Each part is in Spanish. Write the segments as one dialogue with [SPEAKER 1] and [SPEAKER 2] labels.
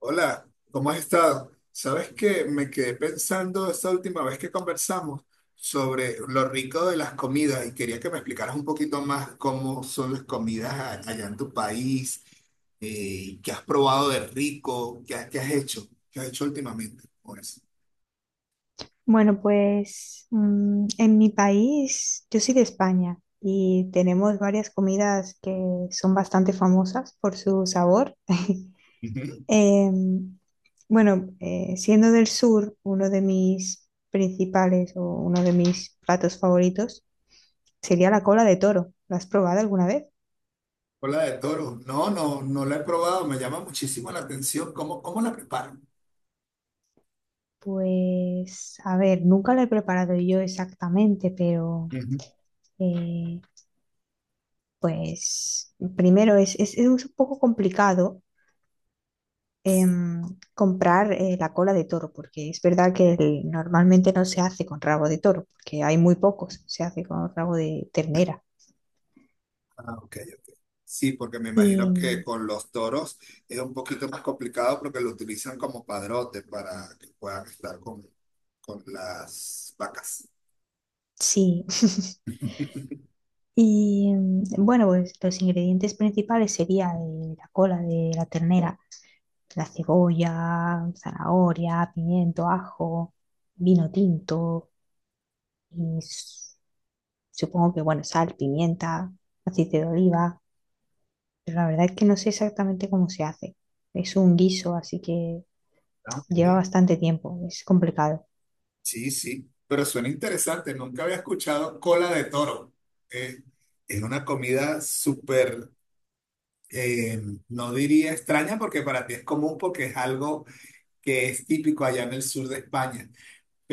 [SPEAKER 1] Hola, ¿cómo has estado? Sabes que me quedé pensando esta última vez que conversamos sobre lo rico de las comidas y quería que me explicaras un poquito más cómo son las comidas allá en tu país, qué has probado de rico, qué has hecho últimamente. Pues.
[SPEAKER 2] Bueno, pues en mi país, yo soy de España y tenemos varias comidas que son bastante famosas por su sabor.
[SPEAKER 1] Ujú.
[SPEAKER 2] Em, bueno, siendo del sur, uno de mis principales o uno de mis platos favoritos sería la cola de toro. ¿La has probado alguna vez?
[SPEAKER 1] Cola de toro. No, no la he probado, me llama muchísimo la atención. ¿Cómo, cómo la preparan?
[SPEAKER 2] Pues, a ver, nunca la he preparado yo exactamente, pero
[SPEAKER 1] Ujú.
[SPEAKER 2] eh, pues primero es un poco complicado em, comprar la cola de toro, porque es verdad que el- normalmente no se hace con rabo de toro, porque hay muy pocos, se hace con rabo de ternera.
[SPEAKER 1] Ah, ok. Sí, porque me
[SPEAKER 2] Y
[SPEAKER 1] imagino que con los toros es un poquito más complicado porque lo utilizan como padrote para que puedan estar con las vacas.
[SPEAKER 2] sí, y bueno, pues los ingredientes principales serían la cola de la ternera, la cebolla, zanahoria, pimiento, ajo, vino tinto y s- supongo que, bueno, sal, pimienta, aceite de oliva. Pero la verdad es que no sé exactamente cómo se hace. Es un guiso, así que
[SPEAKER 1] Ah, ok.
[SPEAKER 2] lleva bastante tiempo. Es complicado.
[SPEAKER 1] Sí, sí, pero suena interesante. Nunca había escuchado cola de toro. Eh, es una comida súper, eh, no diría extraña porque para ti es común porque es algo que es típico allá en el sur de España.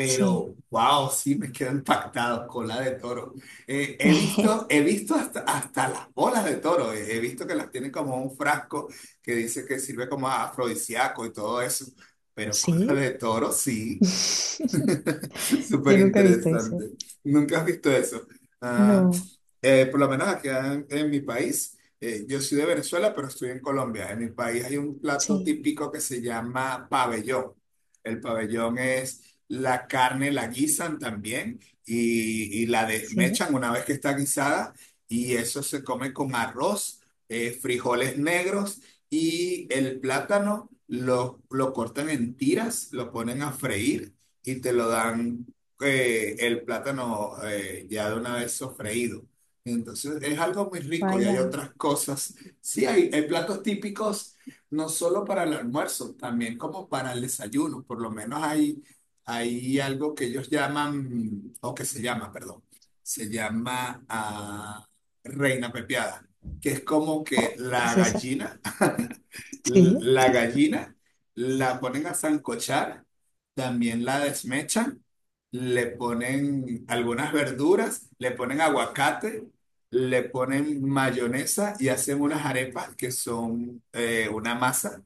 [SPEAKER 2] Sí.
[SPEAKER 1] wow, sí me quedo impactado, cola de toro. He visto hasta, hasta las bolas de toro, he visto que las tienen como un frasco que dice que sirve como afrodisíaco y todo eso, pero cola
[SPEAKER 2] Sí.
[SPEAKER 1] de toro, sí. Súper
[SPEAKER 2] Yo nunca he visto eso.
[SPEAKER 1] interesante. Nunca has visto eso. Ah,
[SPEAKER 2] No.
[SPEAKER 1] por lo menos acá en mi país, yo soy de Venezuela, pero estoy en Colombia. En mi país hay un plato
[SPEAKER 2] Sí.
[SPEAKER 1] típico que se llama pabellón. El pabellón es la carne, la guisan también y la
[SPEAKER 2] Sí.
[SPEAKER 1] desmechan una vez que está guisada y eso se come con arroz, frijoles negros y el plátano lo cortan en tiras, lo ponen a freír y te lo dan el plátano ya de una vez sofreído. Entonces es algo muy rico y hay
[SPEAKER 2] Vaya.
[SPEAKER 1] otras cosas. Sí, hay platos típicos no solo para el almuerzo, también como para el desayuno. Por lo menos hay, hay algo que ellos llaman, o que se llama, perdón, se llama reina pepiada, que es como que
[SPEAKER 2] Oh, ¿qué
[SPEAKER 1] la
[SPEAKER 2] es eso?
[SPEAKER 1] gallina
[SPEAKER 2] Sí.
[SPEAKER 1] la gallina la ponen a sancochar, también la desmechan, le ponen algunas verduras, le ponen aguacate, le ponen mayonesa y hacen unas arepas que son una masa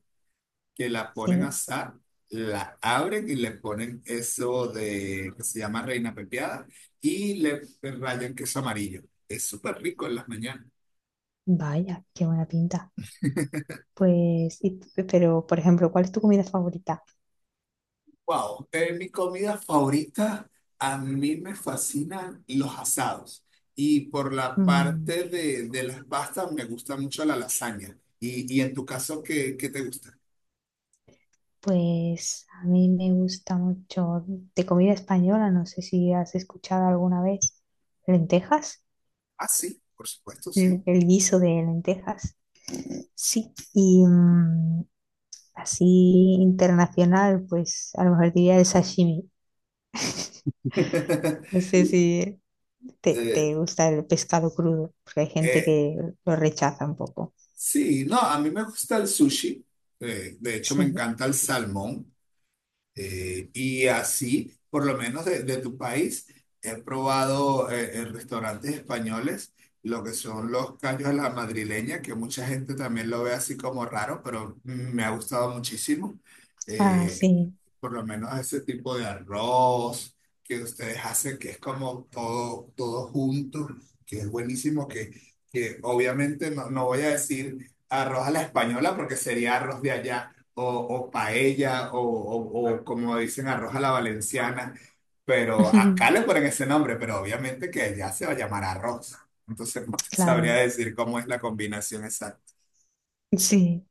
[SPEAKER 1] que la ponen a
[SPEAKER 2] Sí.
[SPEAKER 1] asar, la abren y le ponen eso de que se llama reina pepiada y le rayan queso amarillo. Es súper rico en las mañanas.
[SPEAKER 2] Vaya, qué buena pinta. Pues, y- pero, por ejemplo, ¿cuál es tu comida favorita?
[SPEAKER 1] Wow, mi comida favorita, a mí me fascinan los asados. Y por la
[SPEAKER 2] Mm,
[SPEAKER 1] parte de las pastas, me gusta mucho la lasaña. Y en tu caso, ¿qué, qué te gusta?
[SPEAKER 2] Pues a mí me gusta mucho de comida española, no sé si has escuchado alguna vez lentejas,
[SPEAKER 1] Ah, sí, por supuesto, sí.
[SPEAKER 2] el guiso de lentejas. Sí, y así internacional, pues a lo mejor diría el sashimi. No sé si te,
[SPEAKER 1] Eh,
[SPEAKER 2] te gusta el pescado crudo, porque hay gente
[SPEAKER 1] eh,
[SPEAKER 2] que lo rechaza un poco.
[SPEAKER 1] sí, no, a mí me gusta el sushi. De hecho, me
[SPEAKER 2] Sí,
[SPEAKER 1] encanta el salmón. Y así, por lo menos de tu país, he probado en restaurantes españoles lo que son los callos a la madrileña, que mucha gente también lo ve así como raro, pero me ha gustado muchísimo.
[SPEAKER 2] ah,
[SPEAKER 1] Eh,
[SPEAKER 2] sí,
[SPEAKER 1] por lo menos a ese tipo de arroz que ustedes hacen, que es como todo, todo junto, que es buenísimo, que obviamente no, no voy a decir arroz a la española porque sería arroz de allá, o paella, o como dicen arroz a la valenciana, pero acá le ponen ese nombre, pero obviamente que allá se va a llamar arroz. Entonces no te sabría
[SPEAKER 2] claro,
[SPEAKER 1] decir cómo es la combinación exacta.
[SPEAKER 2] sí.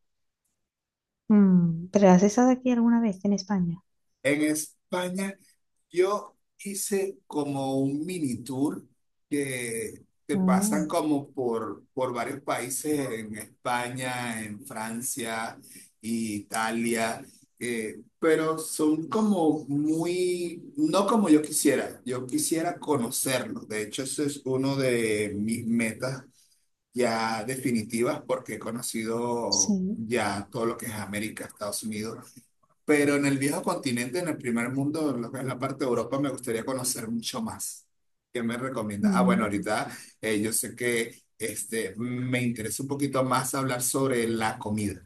[SPEAKER 2] ¿Pero has estado aquí alguna vez en España?
[SPEAKER 1] En España... Yo hice como un mini tour que te
[SPEAKER 2] Oh,
[SPEAKER 1] pasan como por varios países en España, en Francia, Italia, pero son como muy, no como yo quisiera conocerlos. De hecho, eso es uno de mis metas ya definitivas porque he conocido
[SPEAKER 2] sí.
[SPEAKER 1] ya todo lo que es América, Estados Unidos. Pero en el viejo continente, en el primer mundo, en lo que es la parte de Europa, me gustaría conocer mucho más. ¿Qué me recomienda? Ah, bueno,
[SPEAKER 2] Mm,
[SPEAKER 1] ahorita yo sé que este, me interesa un poquito más hablar sobre la comida,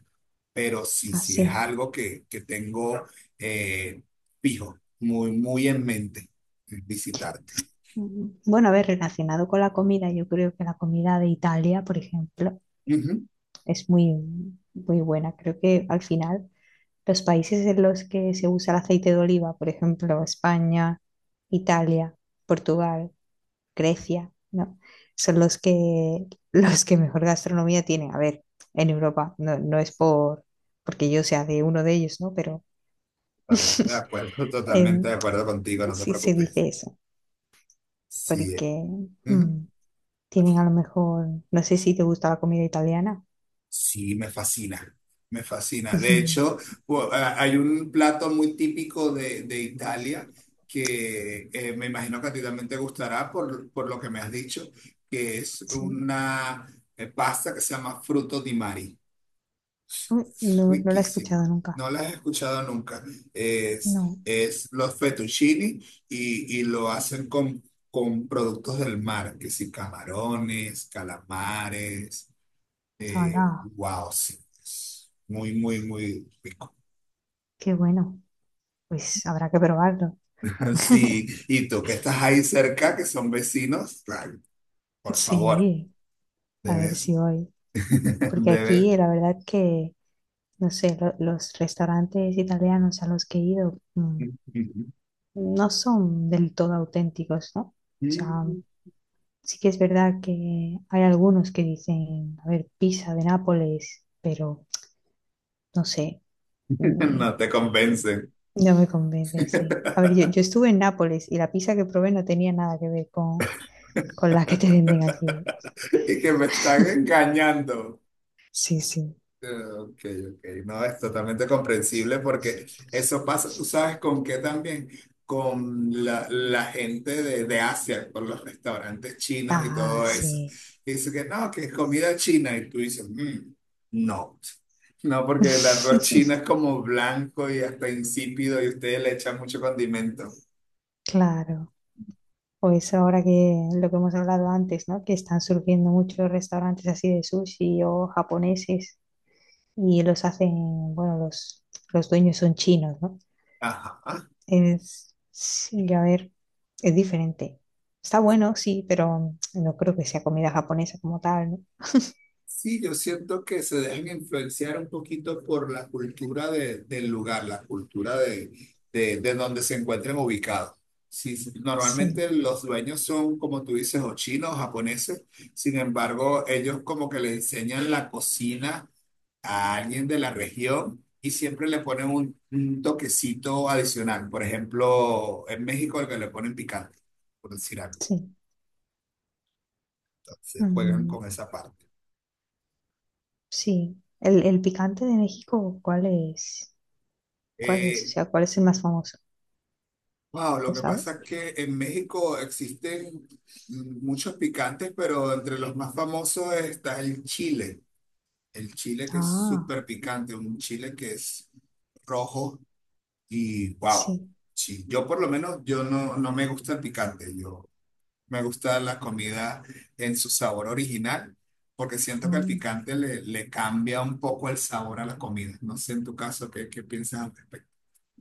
[SPEAKER 1] pero sí, sí es
[SPEAKER 2] así.
[SPEAKER 1] algo que tengo eh, fijo, muy, muy en mente, visitarte.
[SPEAKER 2] Bueno, a ver, relacionado con la comida, yo creo que la comida de Italia, por ejemplo,
[SPEAKER 1] Ujú.
[SPEAKER 2] es muy, muy buena. Creo que al final los países en los que se usa el aceite de oliva, por ejemplo, España, Italia, Portugal, Grecia, ¿no? Son los que, los que mejor gastronomía tienen. A ver, en Europa, no, no es por, porque yo sea de uno de ellos, ¿no? Pero
[SPEAKER 1] Totalmente de acuerdo, totalmente de
[SPEAKER 2] em,
[SPEAKER 1] acuerdo contigo, no te
[SPEAKER 2] sí se
[SPEAKER 1] preocupes.
[SPEAKER 2] dice eso,
[SPEAKER 1] Sí. Eh.
[SPEAKER 2] porque...
[SPEAKER 1] Ujú.
[SPEAKER 2] mm, tienen a lo mejor, no sé si te gusta la comida italiana.
[SPEAKER 1] Sí, me fascina, me fascina. De hecho, hay un plato muy típico de Italia que me imagino que a ti también te gustará por lo que me has dicho, que es
[SPEAKER 2] Sí.
[SPEAKER 1] una pasta que se llama fruto di mari.
[SPEAKER 2] Uy,
[SPEAKER 1] Es
[SPEAKER 2] no, no la he
[SPEAKER 1] riquísimo.
[SPEAKER 2] escuchado nunca.
[SPEAKER 1] No la he escuchado nunca.
[SPEAKER 2] No.
[SPEAKER 1] Es los fettuccini y lo hacen con productos del mar, que sí, camarones, calamares.
[SPEAKER 2] Hola,
[SPEAKER 1] Wow, sí. Es muy, muy, muy rico.
[SPEAKER 2] qué bueno. Pues habrá que probarlo.
[SPEAKER 1] Sí, y tú que estás ahí cerca, que son vecinos, ay, por favor,
[SPEAKER 2] Sí, a ver si
[SPEAKER 1] debes,
[SPEAKER 2] voy. Porque
[SPEAKER 1] debes.
[SPEAKER 2] aquí la verdad que, no sé, lo- los restaurantes italianos a los que he ido no son del todo auténticos, ¿no? O sea, sí que es verdad que hay algunos que dicen, a ver, pizza de Nápoles, pero no sé. mm,
[SPEAKER 1] No te convencen
[SPEAKER 2] No me convence, sí. A ver, yo estuve en Nápoles y la pizza que probé no tenía nada que ver con la que te venden aquí.
[SPEAKER 1] y que me están engañando.
[SPEAKER 2] Sí, sí.
[SPEAKER 1] Ok, ok. No, es totalmente comprensible porque eso pasa, tú sabes con qué también, con la, la gente de Asia, por los restaurantes chinos y
[SPEAKER 2] Ah,
[SPEAKER 1] todo eso.
[SPEAKER 2] sí.
[SPEAKER 1] Dice que no, que es comida china y tú dices, "Mm, no, no, porque el arroz chino es como blanco y hasta insípido y ustedes le echan mucho condimento".
[SPEAKER 2] Claro. Pues ahora que lo que hemos hablado antes, ¿no? Que están surgiendo muchos restaurantes así de sushi o japoneses y los hacen, bueno, los dueños son chinos, ¿no?
[SPEAKER 1] Ajá.
[SPEAKER 2] Es, sí, a ver, es diferente. Está bueno, sí, pero no creo que sea comida japonesa como tal, ¿no?
[SPEAKER 1] Sí, yo siento que se dejan influenciar un poquito por la cultura del lugar, la cultura de donde se encuentren ubicados. Sí, sí,
[SPEAKER 2] Sí,
[SPEAKER 1] normalmente los dueños son, como tú dices, o chinos o japoneses, sin embargo, ellos como que le enseñan la cocina a alguien de la región y siempre le ponen un toquecito adicional. Por ejemplo, en México el que le ponen picante, por decir algo.
[SPEAKER 2] sí.
[SPEAKER 1] Entonces juegan
[SPEAKER 2] Mm,
[SPEAKER 1] con esa parte.
[SPEAKER 2] sí, el picante de México, ¿cuál es? ¿Cuál es? O
[SPEAKER 1] Eh,
[SPEAKER 2] sea, ¿cuál es el más famoso?
[SPEAKER 1] wow, lo
[SPEAKER 2] ¿Lo
[SPEAKER 1] que pasa
[SPEAKER 2] sabes?
[SPEAKER 1] es que en México existen muchos picantes, pero entre los más famosos está el chile. El chile que es
[SPEAKER 2] Ah,
[SPEAKER 1] súper picante, un chile que es rojo y wow.
[SPEAKER 2] sí.
[SPEAKER 1] Sí, yo por lo menos yo no, no me gusta el picante. Yo me gusta la comida en su sabor original, porque siento que el
[SPEAKER 2] Mm,
[SPEAKER 1] picante le, le cambia un poco el sabor a la comida. No sé en tu caso qué, qué piensas al respecto.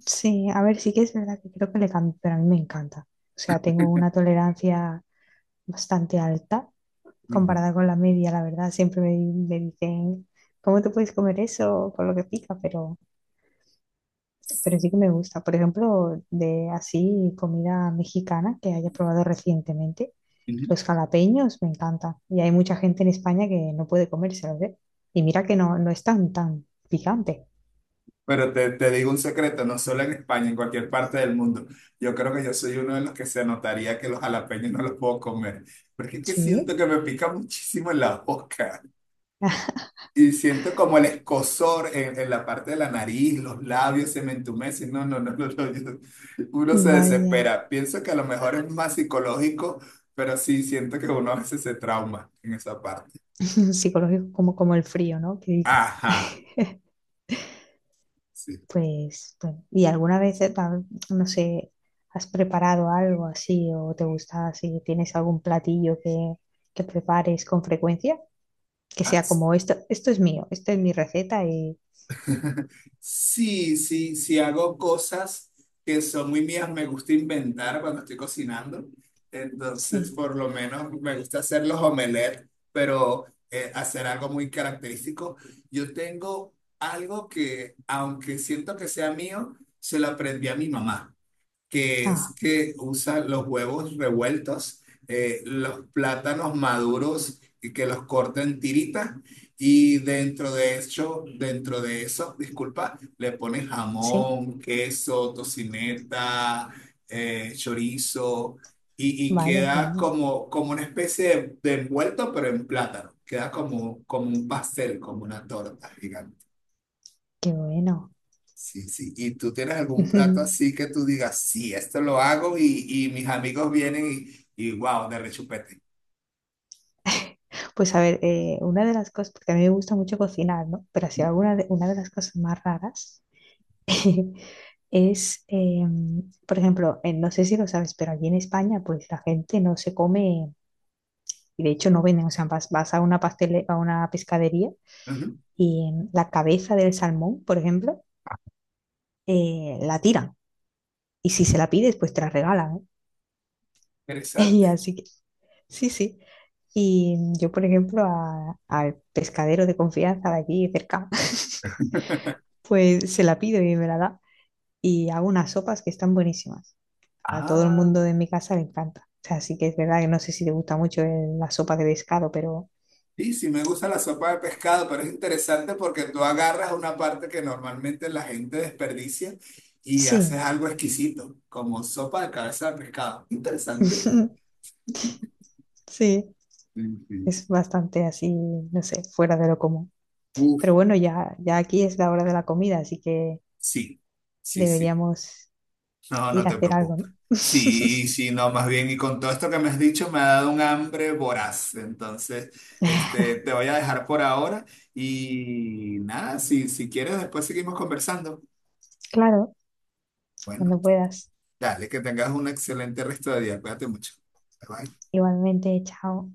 [SPEAKER 2] sí, a ver, sí que es verdad que creo que le cambio, pero a mí me encanta. O sea, tengo una tolerancia bastante alta
[SPEAKER 1] Ujú,
[SPEAKER 2] comparada con la media, la verdad. Siempre me dicen, ¿cómo te puedes comer eso con lo que pica? Pero sí que me gusta. Por ejemplo, de así comida mexicana que haya probado recientemente,
[SPEAKER 1] ujú.
[SPEAKER 2] los jalapeños me encantan. Y hay mucha gente en España que no puede comérselos, ¿eh? Y mira que no, no es tan, tan picante.
[SPEAKER 1] Pero te digo un secreto, no solo en España, en cualquier parte del mundo. Yo creo que yo soy uno de los que se notaría que los jalapeños no los puedo comer, porque es que siento
[SPEAKER 2] Sí,
[SPEAKER 1] que me pica muchísimo en la boca. Y siento como el escozor en la parte de la nariz, los labios se me entumecen. No, no, no, no, no, uno se
[SPEAKER 2] vaya.
[SPEAKER 1] desespera. Pienso que a lo mejor es más psicológico, pero sí siento que uno a veces se trauma en esa parte.
[SPEAKER 2] Psicológico como, como el frío, ¿no? Que dice.
[SPEAKER 1] Ajá, sí.
[SPEAKER 2] Pues, bueno, ¿y alguna vez, pa- no sé, has preparado algo así o te gusta así? ¿Tienes algún platillo que prepares con frecuencia? Que sea como esto es mío, esto es mi receta y
[SPEAKER 1] Sí, sí, sí hago cosas que son muy mías, me gusta inventar cuando estoy cocinando. Entonces,
[SPEAKER 2] sí,
[SPEAKER 1] por lo menos me gusta hacer los omelets, pero hacer algo muy característico. Yo tengo algo que, aunque siento que sea mío, se lo aprendí a mi mamá que es
[SPEAKER 2] ah,
[SPEAKER 1] que usa los huevos revueltos, los plátanos maduros y que los corta en tiritas y dentro de eso, disculpa, le pone
[SPEAKER 2] sí,
[SPEAKER 1] jamón, queso, tocineta, chorizo y
[SPEAKER 2] vaya, qué
[SPEAKER 1] queda
[SPEAKER 2] bueno,
[SPEAKER 1] como, como una especie de envuelto pero en plátano. Queda como, como un pastel, como una torta gigante.
[SPEAKER 2] qué bueno.
[SPEAKER 1] Sí, sí. ¿Y tú tienes algún plato así que tú digas, sí, esto lo hago y mis amigos vienen y wow, de rechupete?
[SPEAKER 2] Pues a ver, una de las cosas, porque a mí me gusta mucho cocinar, ¿no? Pero así alguna de, una de las cosas más raras es, por ejemplo, no sé si lo sabes, pero aquí en España, pues la gente no se come, y de hecho no venden, o sea, vas, vas a una pastele, a una pescadería
[SPEAKER 1] Ujú.
[SPEAKER 2] y la cabeza del salmón, por ejemplo, la tiran. Y si se la pides, pues te la regala, ¿eh? Y
[SPEAKER 1] Interesante.
[SPEAKER 2] así que, sí, sí. Y yo, por ejemplo, a- al pescadero de confianza de aquí cerca, pues se la pido y me la da. Y hago unas sopas que están buenísimas. A todo el
[SPEAKER 1] Ah,
[SPEAKER 2] mundo de mi casa le encanta. O sea, sí que es verdad que no sé si te gusta mucho el- la sopa de pescado, pero
[SPEAKER 1] sí, sí, me gusta la sopa de pescado, pero es interesante porque tú agarras una parte que normalmente la gente desperdicia y haces
[SPEAKER 2] sí,
[SPEAKER 1] algo exquisito, como sopa de cabeza de pescado. Interesante.
[SPEAKER 2] sí,
[SPEAKER 1] Sí, sí.
[SPEAKER 2] es bastante así, no sé, fuera de lo común.
[SPEAKER 1] Uf,
[SPEAKER 2] Pero bueno, ya, ya aquí es la hora de la comida, así que
[SPEAKER 1] sí, sí, sí,
[SPEAKER 2] deberíamos
[SPEAKER 1] no, no
[SPEAKER 2] ir a
[SPEAKER 1] te
[SPEAKER 2] hacer algo,
[SPEAKER 1] preocupes.
[SPEAKER 2] ¿no?
[SPEAKER 1] Sí, sí, no, más bien, y con todo esto que me has dicho me ha dado un hambre voraz. Entonces, este, te voy a dejar por ahora y nada, si, si quieres, después seguimos conversando.
[SPEAKER 2] Claro,
[SPEAKER 1] Bueno,
[SPEAKER 2] cuando puedas.
[SPEAKER 1] dale, que tengas un excelente resto de día. Cuídate mucho. Bye, bye.
[SPEAKER 2] Igualmente, chao.